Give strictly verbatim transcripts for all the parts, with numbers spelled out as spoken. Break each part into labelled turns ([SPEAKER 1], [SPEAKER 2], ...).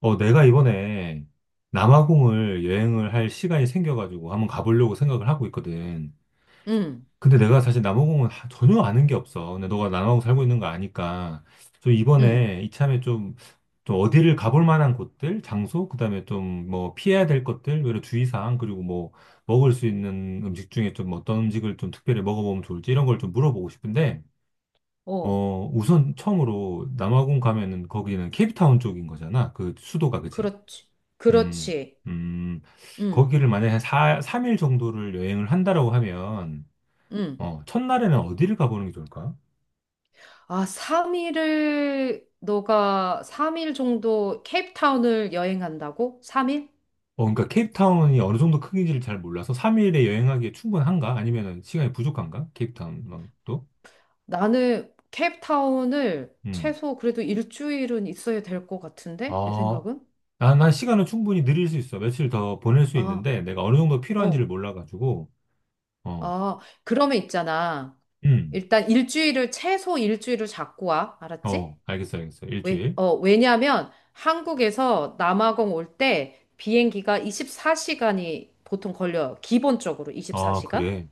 [SPEAKER 1] 어, 내가 이번에 남아공을 여행을 할 시간이 생겨가지고 한번 가보려고 생각을 하고 있거든.
[SPEAKER 2] 응,
[SPEAKER 1] 근데 내가 사실 남아공은 하- 전혀 아는 게 없어. 근데 너가 남아공 살고 있는 거 아니까. 좀
[SPEAKER 2] 응,
[SPEAKER 1] 이번에 이참에 좀, 좀 어디를 가볼 만한 곳들, 장소, 그다음에 좀 뭐 피해야 될 것들, 여러 주의사항, 그리고 뭐 먹을 수 있는 음식 중에 좀 어떤 음식을 좀 특별히 먹어보면 좋을지 이런 걸 좀 물어보고 싶은데,
[SPEAKER 2] 어,
[SPEAKER 1] 어, 우선 처음으로 남아공 가면은 거기는 케이프타운 쪽인 거잖아. 그 수도가, 그지
[SPEAKER 2] 그렇지.
[SPEAKER 1] 음,
[SPEAKER 2] 그렇지.
[SPEAKER 1] 음,
[SPEAKER 2] 응,
[SPEAKER 1] 거기를 만약에 한 사, 삼 일 정도를 여행을 한다라고 하면,
[SPEAKER 2] 응.
[SPEAKER 1] 어, 첫날에는 어디를 가보는 게 좋을까?
[SPEAKER 2] 아, 삼 일을 너가 삼 일 정도 케이프타운을 여행한다고? 삼 일?
[SPEAKER 1] 어, 그러니까 케이프타운이 어느 정도 크기인지를 잘 몰라서 삼 일에 여행하기에 충분한가? 아니면 시간이 부족한가? 케이프타운만도?
[SPEAKER 2] 나는 케이프타운을
[SPEAKER 1] 음.
[SPEAKER 2] 최소 그래도 일주일은 있어야 될 것 같은데? 내
[SPEAKER 1] 아,
[SPEAKER 2] 생각은?
[SPEAKER 1] 난, 난 시간은 충분히 늘릴 수 있어. 며칠 더 보낼 수
[SPEAKER 2] 아,
[SPEAKER 1] 있는데, 내가 어느 정도
[SPEAKER 2] 어.
[SPEAKER 1] 필요한지를 몰라가지고, 어,
[SPEAKER 2] 아, 그러면 있잖아.
[SPEAKER 1] 음,
[SPEAKER 2] 일단 일주일을, 최소 일주일을 잡고 와. 알았지?
[SPEAKER 1] 어, 알겠어, 알겠어.
[SPEAKER 2] 왜,
[SPEAKER 1] 일주일.
[SPEAKER 2] 어, 왜냐면 한국에서 남아공 올 때 비행기가 이십사 시간이 보통 걸려요. 기본적으로
[SPEAKER 1] 아,
[SPEAKER 2] 이십사 시간?
[SPEAKER 1] 그래.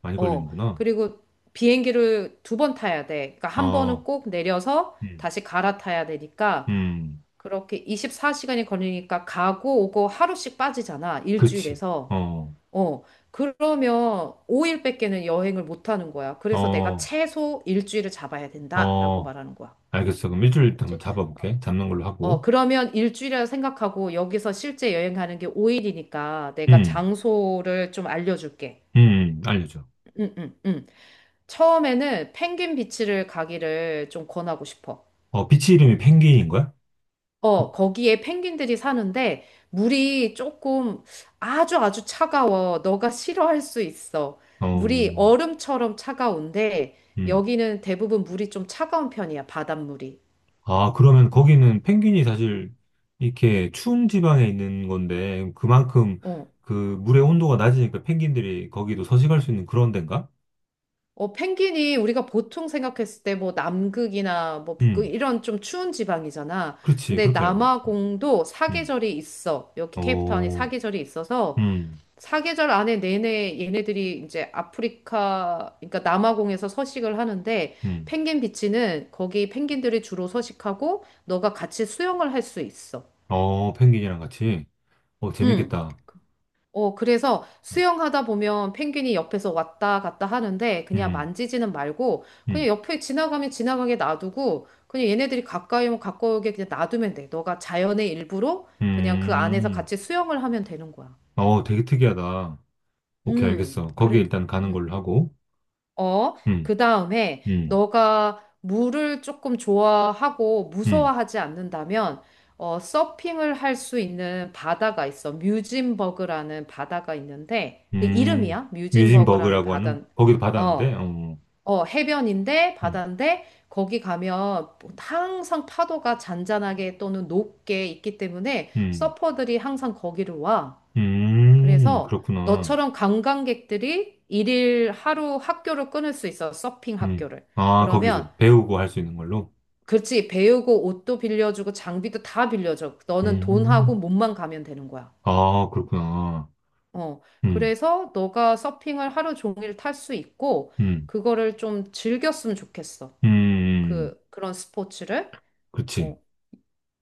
[SPEAKER 1] 많이
[SPEAKER 2] 어,
[SPEAKER 1] 걸리는구나.
[SPEAKER 2] 그리고 비행기를 두 번 타야 돼. 그러니까 한 번은
[SPEAKER 1] 어,
[SPEAKER 2] 꼭 내려서
[SPEAKER 1] 음,
[SPEAKER 2] 다시 갈아타야 되니까
[SPEAKER 1] 음,
[SPEAKER 2] 그렇게 이십사 시간이 걸리니까 가고 오고 하루씩 빠지잖아.
[SPEAKER 1] 그치.
[SPEAKER 2] 일주일에서.
[SPEAKER 1] 어.
[SPEAKER 2] 어, 그러면 오 일밖에는 여행을 못 하는 거야. 그래서 내가
[SPEAKER 1] 어,
[SPEAKER 2] 최소 일주일을 잡아야 된다라고
[SPEAKER 1] 어,
[SPEAKER 2] 말하는 거야.
[SPEAKER 1] 알겠어. 그럼 일주일 일단 한번
[SPEAKER 2] 맞지?
[SPEAKER 1] 잡아볼게. 잡는 걸로
[SPEAKER 2] 어,
[SPEAKER 1] 하고.
[SPEAKER 2] 그러면 일주일이라 생각하고 여기서 실제 여행 가는 게 오 일이니까 내가
[SPEAKER 1] 음,
[SPEAKER 2] 장소를 좀 알려줄게.
[SPEAKER 1] 음, 알려줘.
[SPEAKER 2] 응, 응, 응. 처음에는 펭귄 비치를 가기를 좀 권하고 싶어.
[SPEAKER 1] 어, 비치 이름이 펭귄인 거야?
[SPEAKER 2] 어, 거기에 펭귄들이 사는데 물이 조금 아주 아주 차가워. 너가 싫어할 수 있어. 물이
[SPEAKER 1] 어,
[SPEAKER 2] 얼음처럼 차가운데
[SPEAKER 1] 음.
[SPEAKER 2] 여기는 대부분 물이 좀 차가운 편이야, 바닷물이.
[SPEAKER 1] 아, 그러면 거기는 펭귄이 사실 이렇게 추운 지방에 있는 건데, 그만큼
[SPEAKER 2] 어,
[SPEAKER 1] 그 물의 온도가 낮으니까 펭귄들이 거기도 서식할 수 있는 그런 데인가?
[SPEAKER 2] 어, 펭귄이 우리가 보통 생각했을 때 뭐 남극이나 뭐 북극
[SPEAKER 1] 음,
[SPEAKER 2] 이런 좀 추운 지방이잖아.
[SPEAKER 1] 그렇지.
[SPEAKER 2] 근데
[SPEAKER 1] 그렇게 알고 있지.
[SPEAKER 2] 남아공도
[SPEAKER 1] 음,
[SPEAKER 2] 사계절이 있어. 여기 케이프타운이
[SPEAKER 1] 어,
[SPEAKER 2] 사계절이 있어서
[SPEAKER 1] 음,
[SPEAKER 2] 사계절 안에 내내 얘네들이 이제 아프리카, 그러니까 남아공에서 서식을 하는데
[SPEAKER 1] 음.
[SPEAKER 2] 펭귄 비치는 거기 펭귄들이 주로 서식하고 너가 같이 수영을 할 수 있어.
[SPEAKER 1] 어, 펭귄이랑 같이. 어,
[SPEAKER 2] 응.
[SPEAKER 1] 재밌겠다.
[SPEAKER 2] 어, 그래서 수영하다 보면 펭귄이 옆에서 왔다 갔다 하는데 그냥
[SPEAKER 1] 음,
[SPEAKER 2] 만지지는 말고 그냥
[SPEAKER 1] 음,
[SPEAKER 2] 옆에 지나가면 지나가게 놔두고 그냥 얘네들이 가까이 오면 가까이 오게 그냥 놔두면 돼. 너가 자연의 일부로 그냥 그 안에서
[SPEAKER 1] 음.
[SPEAKER 2] 같이 수영을 하면 되는 거야.
[SPEAKER 1] 아, 어, 되게 특이하다. 오케이,
[SPEAKER 2] 음,
[SPEAKER 1] 알겠어. 거기
[SPEAKER 2] 그래.
[SPEAKER 1] 일단 가는
[SPEAKER 2] 음,
[SPEAKER 1] 걸로
[SPEAKER 2] 음.
[SPEAKER 1] 하고.
[SPEAKER 2] 어,
[SPEAKER 1] 음,
[SPEAKER 2] 그 다음에
[SPEAKER 1] 음,
[SPEAKER 2] 너가 물을 조금 좋아하고
[SPEAKER 1] 음,
[SPEAKER 2] 무서워하지 않는다면, 어, 서핑을 할 수 있는 바다가 있어. 뮤진버그라는 바다가 있는데, 그
[SPEAKER 1] 음.
[SPEAKER 2] 이름이야? 뮤진버그라는
[SPEAKER 1] 뮤진버그라고 하는,
[SPEAKER 2] 바다.
[SPEAKER 1] 거기도 받았는데,
[SPEAKER 2] 어,
[SPEAKER 1] 어,
[SPEAKER 2] 어, 해변인데,
[SPEAKER 1] 음,
[SPEAKER 2] 바다인데, 거기 가면 항상 파도가 잔잔하게 또는 높게 있기 때문에
[SPEAKER 1] 음,
[SPEAKER 2] 서퍼들이 항상 거기를 와.
[SPEAKER 1] 음,
[SPEAKER 2] 그래서
[SPEAKER 1] 그렇구나.
[SPEAKER 2] 너처럼 관광객들이 일일 하루 학교를 끊을 수 있어, 서핑
[SPEAKER 1] 음,
[SPEAKER 2] 학교를.
[SPEAKER 1] 아, 거기서
[SPEAKER 2] 그러면,
[SPEAKER 1] 배우고 할 수 있는 걸로?
[SPEAKER 2] 그렇지, 배우고 옷도 빌려주고 장비도 다 빌려줘. 너는 돈하고
[SPEAKER 1] 음,
[SPEAKER 2] 몸만 가면 되는 거야.
[SPEAKER 1] 아, 그렇구나.
[SPEAKER 2] 어,
[SPEAKER 1] 음,
[SPEAKER 2] 그래서 너가 서핑을 하루 종일 탈 수 있고,
[SPEAKER 1] 음,
[SPEAKER 2] 그거를 좀 즐겼으면 좋겠어.
[SPEAKER 1] 음, 음.
[SPEAKER 2] 그, 그런 스포츠를.
[SPEAKER 1] 그렇지.
[SPEAKER 2] 어,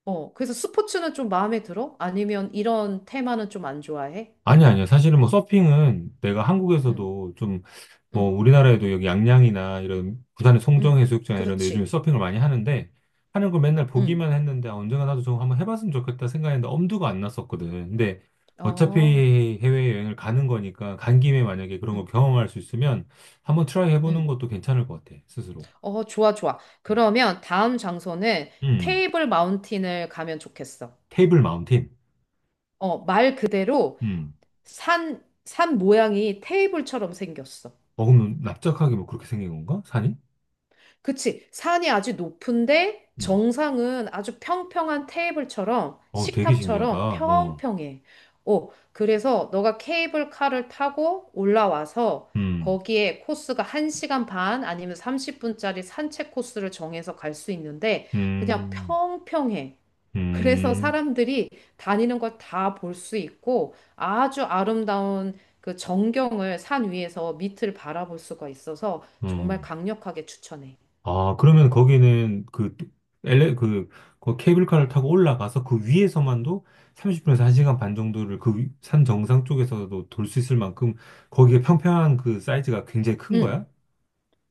[SPEAKER 2] 어. 그래서 스포츠는 좀 마음에 들어? 아니면 이런 테마는 좀 안 좋아해?
[SPEAKER 1] 아니, 아니야. 사실은 뭐 서핑은 내가
[SPEAKER 2] 응,
[SPEAKER 1] 한국에서도 좀 뭐
[SPEAKER 2] 응,
[SPEAKER 1] 우리나라에도 여기 양양이나 이런 부산의
[SPEAKER 2] 응.
[SPEAKER 1] 송정해수욕장 이런 데 요즘에
[SPEAKER 2] 그렇지.
[SPEAKER 1] 서핑을 많이 하는데 하는 걸 맨날
[SPEAKER 2] 응.
[SPEAKER 1] 보기만 했는데 아, 언젠가 나도 좀 한번 해봤으면 좋겠다 생각했는데 엄두가 안 났었거든. 근데 어차피
[SPEAKER 2] 어.
[SPEAKER 1] 해외여행을 가는 거니까 간 김에 만약에 그런 걸
[SPEAKER 2] 음.
[SPEAKER 1] 경험할 수 있으면 한번 트라이 해보는
[SPEAKER 2] 음.
[SPEAKER 1] 것도 괜찮을 것 같아. 스스로.
[SPEAKER 2] 어, 좋아, 좋아.
[SPEAKER 1] 음.
[SPEAKER 2] 그러면 다음 장소는
[SPEAKER 1] 음.
[SPEAKER 2] 테이블 마운틴을 가면 좋겠어.
[SPEAKER 1] 테이블 마운틴.
[SPEAKER 2] 어, 말 그대로
[SPEAKER 1] 음.
[SPEAKER 2] 산, 산 모양이 테이블처럼 생겼어.
[SPEAKER 1] 어, 그럼 납작하게 뭐 그렇게 생긴 건가? 산이?
[SPEAKER 2] 그치? 산이 아주 높은데
[SPEAKER 1] 음.
[SPEAKER 2] 정상은 아주 평평한 테이블처럼
[SPEAKER 1] 어, 되게 신기하다.
[SPEAKER 2] 식탁처럼
[SPEAKER 1] 어.
[SPEAKER 2] 평평해. 어, 그래서 너가 케이블카를 타고 올라와서
[SPEAKER 1] 음.
[SPEAKER 2] 거기에 코스가 한 시간 반 아니면 삼십 분짜리 산책 코스를 정해서 갈 수 있는데 그냥
[SPEAKER 1] 음,
[SPEAKER 2] 평평해. 그래서
[SPEAKER 1] 음,
[SPEAKER 2] 사람들이 다니는 걸 다 볼 수 있고 아주 아름다운 그 전경을 산 위에서 밑을 바라볼 수가 있어서 정말
[SPEAKER 1] 음.
[SPEAKER 2] 강력하게 추천해.
[SPEAKER 1] 아, 그러면 거기는 그, 엘레, 그, 그 케이블카를 타고 올라가서 그 위에서만도 삼십 분에서 한 시간 반 정도를 그 위- 산 정상 쪽에서도 돌 수 있을 만큼 거기에 평평한 그 사이즈가 굉장히 큰
[SPEAKER 2] 응.
[SPEAKER 1] 거야?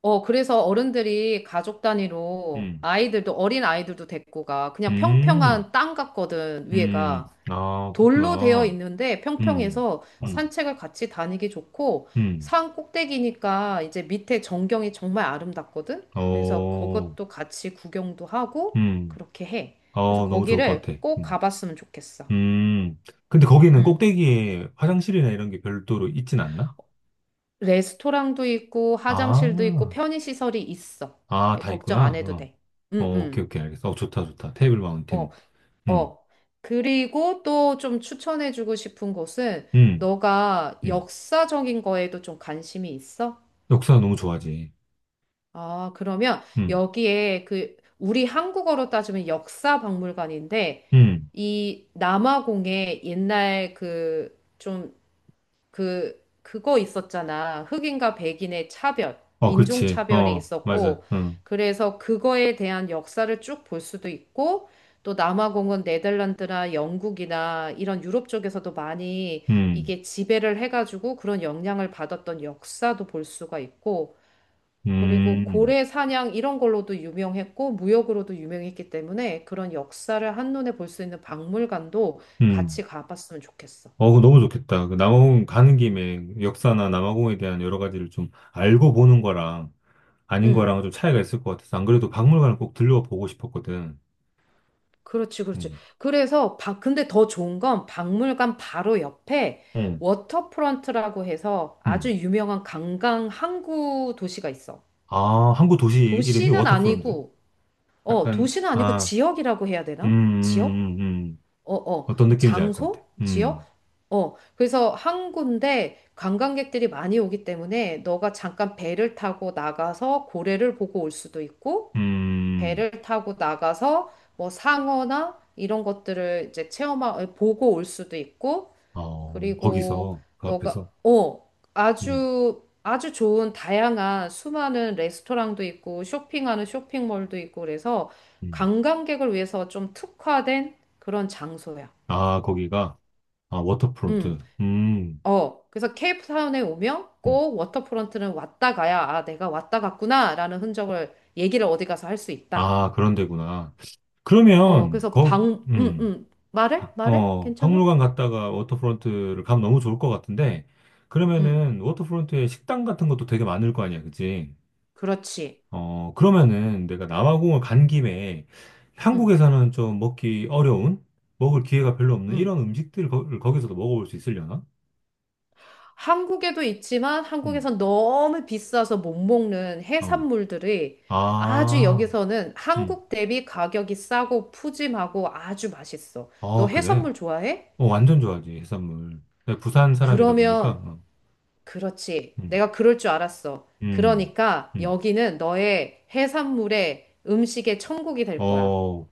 [SPEAKER 2] 어, 그래서 어른들이 가족 단위로
[SPEAKER 1] 음,
[SPEAKER 2] 아이들도 어린 아이들도 데리고 가. 그냥
[SPEAKER 1] 음,
[SPEAKER 2] 평평한 땅 같거든,
[SPEAKER 1] 음.
[SPEAKER 2] 위에가.
[SPEAKER 1] 아,
[SPEAKER 2] 돌로 되어
[SPEAKER 1] 그렇구나.
[SPEAKER 2] 있는데
[SPEAKER 1] 음,
[SPEAKER 2] 평평해서
[SPEAKER 1] 음,
[SPEAKER 2] 산책을 같이 다니기 좋고
[SPEAKER 1] 음.
[SPEAKER 2] 산 꼭대기니까 이제 밑에 전경이 정말 아름답거든. 그래서
[SPEAKER 1] 어,
[SPEAKER 2] 그것도 같이 구경도 하고
[SPEAKER 1] 음.
[SPEAKER 2] 그렇게 해. 그래서
[SPEAKER 1] 어, 너무 좋을 것
[SPEAKER 2] 거기를
[SPEAKER 1] 같아.
[SPEAKER 2] 꼭
[SPEAKER 1] 음.
[SPEAKER 2] 가봤으면 좋겠어.
[SPEAKER 1] 음. 근데 거기는
[SPEAKER 2] 음.
[SPEAKER 1] 꼭대기에 화장실이나 이런 게 별도로 있진 않나?
[SPEAKER 2] 레스토랑도 있고 화장실도 있고
[SPEAKER 1] 아,
[SPEAKER 2] 편의시설이 있어.
[SPEAKER 1] 아,
[SPEAKER 2] 예,
[SPEAKER 1] 다
[SPEAKER 2] 걱정 안
[SPEAKER 1] 있구나.
[SPEAKER 2] 해도
[SPEAKER 1] 어,
[SPEAKER 2] 돼.
[SPEAKER 1] 어,
[SPEAKER 2] 음,
[SPEAKER 1] 오케이,
[SPEAKER 2] 음.
[SPEAKER 1] 오케이, 알겠어. 어, 좋다, 좋다. 테이블
[SPEAKER 2] 어,
[SPEAKER 1] 마운틴. 음,
[SPEAKER 2] 어. 그리고 또 좀 추천해주고 싶은 곳은
[SPEAKER 1] 음,
[SPEAKER 2] 너가
[SPEAKER 1] 음.
[SPEAKER 2] 역사적인 거에도 좀 관심이 있어?
[SPEAKER 1] 역사 너무 좋아하지.
[SPEAKER 2] 아, 그러면
[SPEAKER 1] 음,
[SPEAKER 2] 여기에 그 우리 한국어로 따지면 역사 박물관인데
[SPEAKER 1] 음.
[SPEAKER 2] 이 남아공에 옛날 그 좀 그 그거 있었잖아. 흑인과 백인의 차별,
[SPEAKER 1] 어,
[SPEAKER 2] 인종
[SPEAKER 1] 그렇지.
[SPEAKER 2] 차별이
[SPEAKER 1] 어, 맞아.
[SPEAKER 2] 있었고
[SPEAKER 1] 음,
[SPEAKER 2] 그래서 그거에 대한 역사를 쭉 볼 수도 있고 또 남아공은 네덜란드나 영국이나 이런 유럽 쪽에서도 많이
[SPEAKER 1] 음,
[SPEAKER 2] 이게 지배를 해가지고 그런 영향을 받았던 역사도 볼 수가 있고 그리고
[SPEAKER 1] 음,
[SPEAKER 2] 고래 사냥 이런 걸로도 유명했고 무역으로도 유명했기 때문에 그런 역사를 한눈에 볼 수 있는 박물관도
[SPEAKER 1] 음.
[SPEAKER 2] 같이 가봤으면 좋겠어.
[SPEAKER 1] 어, 그거 너무 좋겠다. 그 남아공 가는 김에 역사나 남아공에 대한 여러 가지를 좀 알고 보는 거랑 아닌
[SPEAKER 2] 응,
[SPEAKER 1] 거랑은 좀 차이가 있을 것 같아서 안 그래도 박물관을 꼭 들려보고 싶었거든.
[SPEAKER 2] 그렇지, 그렇지.
[SPEAKER 1] 음,
[SPEAKER 2] 그래서 바, 근데 더 좋은 건 박물관 바로 옆에
[SPEAKER 1] 음,
[SPEAKER 2] 워터프런트라고 해서 아주
[SPEAKER 1] 음.
[SPEAKER 2] 유명한 관광 항구 도시가 있어.
[SPEAKER 1] 아, 항구 도시 이름이
[SPEAKER 2] 도시는
[SPEAKER 1] 워터프론트요?
[SPEAKER 2] 아니고, 어,
[SPEAKER 1] 약간,
[SPEAKER 2] 도시는 아니고
[SPEAKER 1] 아,
[SPEAKER 2] 지역이라고 해야
[SPEAKER 1] 음,
[SPEAKER 2] 되나? 지역?
[SPEAKER 1] 음, 음. 음.
[SPEAKER 2] 어, 어,
[SPEAKER 1] 어떤 느낌인지 알 것 같아.
[SPEAKER 2] 장소? 지역?
[SPEAKER 1] 음,
[SPEAKER 2] 어, 그래서 한 군데 관광객들이 많이 오기 때문에 너가 잠깐 배를 타고 나가서 고래를 보고 올 수도 있고,
[SPEAKER 1] 음,
[SPEAKER 2] 배를 타고 나가서 뭐 상어나 이런 것들을 이제 체험하, 보고 올 수도 있고,
[SPEAKER 1] 어,
[SPEAKER 2] 그리고
[SPEAKER 1] 거기서, 그
[SPEAKER 2] 너가,
[SPEAKER 1] 앞에서,
[SPEAKER 2] 어,
[SPEAKER 1] 음,
[SPEAKER 2] 아주, 아주 좋은 다양한 수많은 레스토랑도 있고, 쇼핑하는 쇼핑몰도 있고, 그래서
[SPEAKER 1] 음.
[SPEAKER 2] 관광객을 위해서 좀 특화된 그런 장소야.
[SPEAKER 1] 아, 거기가, 아,
[SPEAKER 2] 음,
[SPEAKER 1] 워터프론트. 음,
[SPEAKER 2] 어. 그래서 케이프타운에 오면
[SPEAKER 1] 음.
[SPEAKER 2] 꼭 워터프론트는 왔다 가야, 아, 내가 왔다 갔구나, 라는 흔적을, 얘기를 어디 가서 할 수 있다.
[SPEAKER 1] 아, 그런 데구나.
[SPEAKER 2] 어,
[SPEAKER 1] 그러면,
[SPEAKER 2] 그래서
[SPEAKER 1] 거,
[SPEAKER 2] 방, 음,
[SPEAKER 1] 음,
[SPEAKER 2] 음. 말해?
[SPEAKER 1] 박-
[SPEAKER 2] 말해?
[SPEAKER 1] 어,
[SPEAKER 2] 괜찮아?
[SPEAKER 1] 박물관 갔다가 워터프론트를 가면 너무 좋을 것 같은데,
[SPEAKER 2] 음,
[SPEAKER 1] 그러면은, 워터프론트에 식당 같은 것도 되게 많을 거 아니야, 그치?
[SPEAKER 2] 그렇지.
[SPEAKER 1] 어, 그러면은 내가 남아공을 간 김에
[SPEAKER 2] 음,
[SPEAKER 1] 한국에서는 좀 먹기 어려운, 먹을 기회가 별로 없는
[SPEAKER 2] 음.
[SPEAKER 1] 이런 음식들을 거, 기서도 먹어볼 수 있으려나?
[SPEAKER 2] 한국에도 있지만
[SPEAKER 1] 음.
[SPEAKER 2] 한국에선 너무 비싸서 못 먹는
[SPEAKER 1] 어.
[SPEAKER 2] 해산물들이 아주
[SPEAKER 1] 아,
[SPEAKER 2] 여기서는
[SPEAKER 1] 음.
[SPEAKER 2] 한국 대비 가격이 싸고 푸짐하고 아주 맛있어. 너
[SPEAKER 1] 아, 그래.
[SPEAKER 2] 해산물 좋아해?
[SPEAKER 1] 어, 완전 좋아하지, 해산물. 내가 부산 사람이다 보니까,
[SPEAKER 2] 그러면
[SPEAKER 1] 어.
[SPEAKER 2] 그렇지.
[SPEAKER 1] 음,
[SPEAKER 2] 내가 그럴 줄 알았어.
[SPEAKER 1] 음,
[SPEAKER 2] 그러니까
[SPEAKER 1] 음.
[SPEAKER 2] 여기는 너의 해산물의 음식의 천국이 될 거야.
[SPEAKER 1] 어,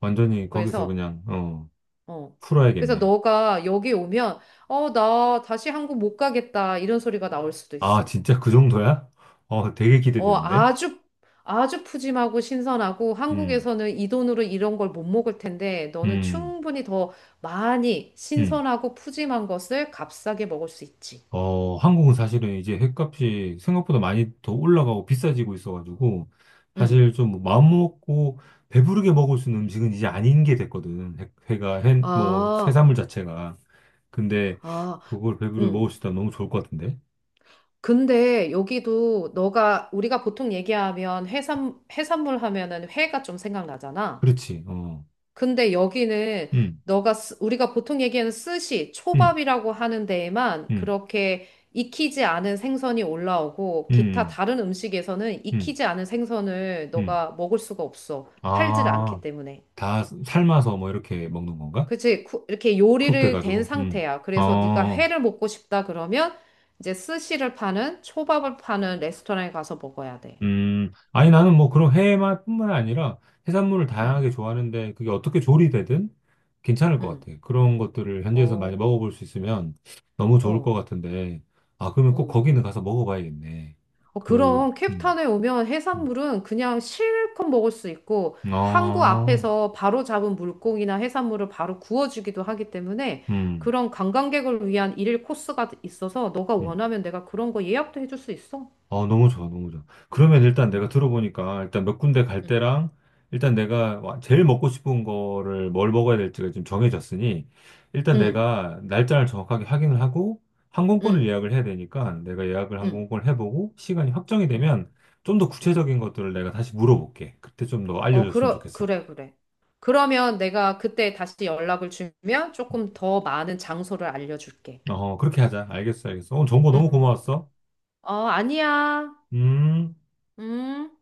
[SPEAKER 1] 완전히 거기서
[SPEAKER 2] 그래서,
[SPEAKER 1] 그냥, 어,
[SPEAKER 2] 어. 그래서
[SPEAKER 1] 풀어야겠네.
[SPEAKER 2] 너가 여기 오면, 어, 나 다시 한국 못 가겠다. 이런 소리가 나올 수도
[SPEAKER 1] 아,
[SPEAKER 2] 있어.
[SPEAKER 1] 진짜 그 정도야? 어, 되게
[SPEAKER 2] 어,
[SPEAKER 1] 기대되는데?
[SPEAKER 2] 아주, 아주 푸짐하고 신선하고
[SPEAKER 1] 음,
[SPEAKER 2] 한국에서는 이 돈으로 이런 걸 못 먹을 텐데 너는
[SPEAKER 1] 음,
[SPEAKER 2] 충분히 더 많이
[SPEAKER 1] 음.
[SPEAKER 2] 신선하고 푸짐한 것을 값싸게 먹을 수 있지.
[SPEAKER 1] 어, 한국은 사실은 이제 횟값이 생각보다 많이 더 올라가고 비싸지고 있어가지고,
[SPEAKER 2] 응.
[SPEAKER 1] 사실 좀 마음먹고 배부르게 먹을 수 있는 음식은 이제 아닌 게 됐거든. 회, 회가, 회, 뭐,
[SPEAKER 2] 아,
[SPEAKER 1] 해산물 자체가. 근데
[SPEAKER 2] 아.
[SPEAKER 1] 그걸 배부르게 먹을
[SPEAKER 2] 응.
[SPEAKER 1] 수 있다면 너무 좋을 것 같은데?
[SPEAKER 2] 근데 여기도 너가 우리가 보통 얘기하면 해산 해산물 하면은 회가 좀 생각나잖아.
[SPEAKER 1] 그렇지, 어.
[SPEAKER 2] 근데 여기는
[SPEAKER 1] 음,
[SPEAKER 2] 너가 쓰- 우리가 보통 얘기하는 스시,
[SPEAKER 1] 음,
[SPEAKER 2] 초밥이라고 하는 데에만
[SPEAKER 1] 음,
[SPEAKER 2] 그렇게 익히지 않은 생선이 올라오고 기타
[SPEAKER 1] 음,
[SPEAKER 2] 다른 음식에서는
[SPEAKER 1] 음,
[SPEAKER 2] 익히지 않은 생선을
[SPEAKER 1] 음.
[SPEAKER 2] 너가 먹을 수가 없어. 팔질
[SPEAKER 1] 아,
[SPEAKER 2] 않기 때문에.
[SPEAKER 1] 다 삶아서 뭐 이렇게 먹는 건가?
[SPEAKER 2] 그치? 쿠- 이렇게
[SPEAKER 1] 쿡
[SPEAKER 2] 요리를 된
[SPEAKER 1] 돼가지고, 음.
[SPEAKER 2] 상태야.
[SPEAKER 1] 어. 어,
[SPEAKER 2] 그래서 네가
[SPEAKER 1] 어.
[SPEAKER 2] 회를 먹고 싶다 그러면 이제 스시를 파는 초밥을 파는 레스토랑에 가서 먹어야 돼.
[SPEAKER 1] 음, 아니, 나는 뭐 그런 해만 뿐만 아니라 해산물을 다양하게
[SPEAKER 2] 음,
[SPEAKER 1] 좋아하는데 그게 어떻게 조리되든 괜찮을 것
[SPEAKER 2] 음,
[SPEAKER 1] 같아. 그런 것들을 현지에서 많이
[SPEAKER 2] 어,
[SPEAKER 1] 먹어볼 수 있으면 너무 좋을 것
[SPEAKER 2] 어,
[SPEAKER 1] 같은데. 아, 그러면 꼭
[SPEAKER 2] 어.
[SPEAKER 1] 거기는 가서 먹어봐야겠네.
[SPEAKER 2] 어,
[SPEAKER 1] 그,
[SPEAKER 2] 그럼
[SPEAKER 1] 음,
[SPEAKER 2] 캡탄에 오면
[SPEAKER 1] 음.
[SPEAKER 2] 해산물은 그냥 실컷 먹을 수 있고 항구
[SPEAKER 1] 아,
[SPEAKER 2] 앞에서 바로 잡은 물고기나 해산물을 바로 구워주기도 하기 때문에
[SPEAKER 1] 음,
[SPEAKER 2] 그런 관광객을 위한 일일 코스가 있어서 너가
[SPEAKER 1] 음.
[SPEAKER 2] 원하면 내가 그런 거 예약도 해줄 수 있어.
[SPEAKER 1] 어, 너무 좋아, 너무 좋아. 그러면 일단
[SPEAKER 2] 응,
[SPEAKER 1] 내가 들어보니까 일단 몇 군데 갈
[SPEAKER 2] 응,
[SPEAKER 1] 때랑 일단 내가 와- 제일 먹고 싶은 거를 뭘 먹어야 될지가 지금 정해졌으니 일단
[SPEAKER 2] 응,
[SPEAKER 1] 내가 날짜를 정확하게 확인을 하고 항공권을
[SPEAKER 2] 응,
[SPEAKER 1] 예약을 해야 되니까 내가 예약을
[SPEAKER 2] 응,
[SPEAKER 1] 항공권을 해보고 시간이 확정이
[SPEAKER 2] 응.
[SPEAKER 1] 되면 좀 더
[SPEAKER 2] 응.
[SPEAKER 1] 구체적인 것들을 내가 다시 물어볼게. 그때 좀 더
[SPEAKER 2] 어,
[SPEAKER 1] 알려줬으면
[SPEAKER 2] 그러,
[SPEAKER 1] 좋겠어.
[SPEAKER 2] 그래, 그래. 그러면 내가 그때 다시 연락을 주면 조금 더 많은 장소를 알려줄게.
[SPEAKER 1] 어, 그렇게 하자. 알겠어, 알겠어. 오늘 정보
[SPEAKER 2] 응,
[SPEAKER 1] 너무
[SPEAKER 2] 응.
[SPEAKER 1] 고마웠어.
[SPEAKER 2] 어, 아니야.
[SPEAKER 1] 음.
[SPEAKER 2] 음.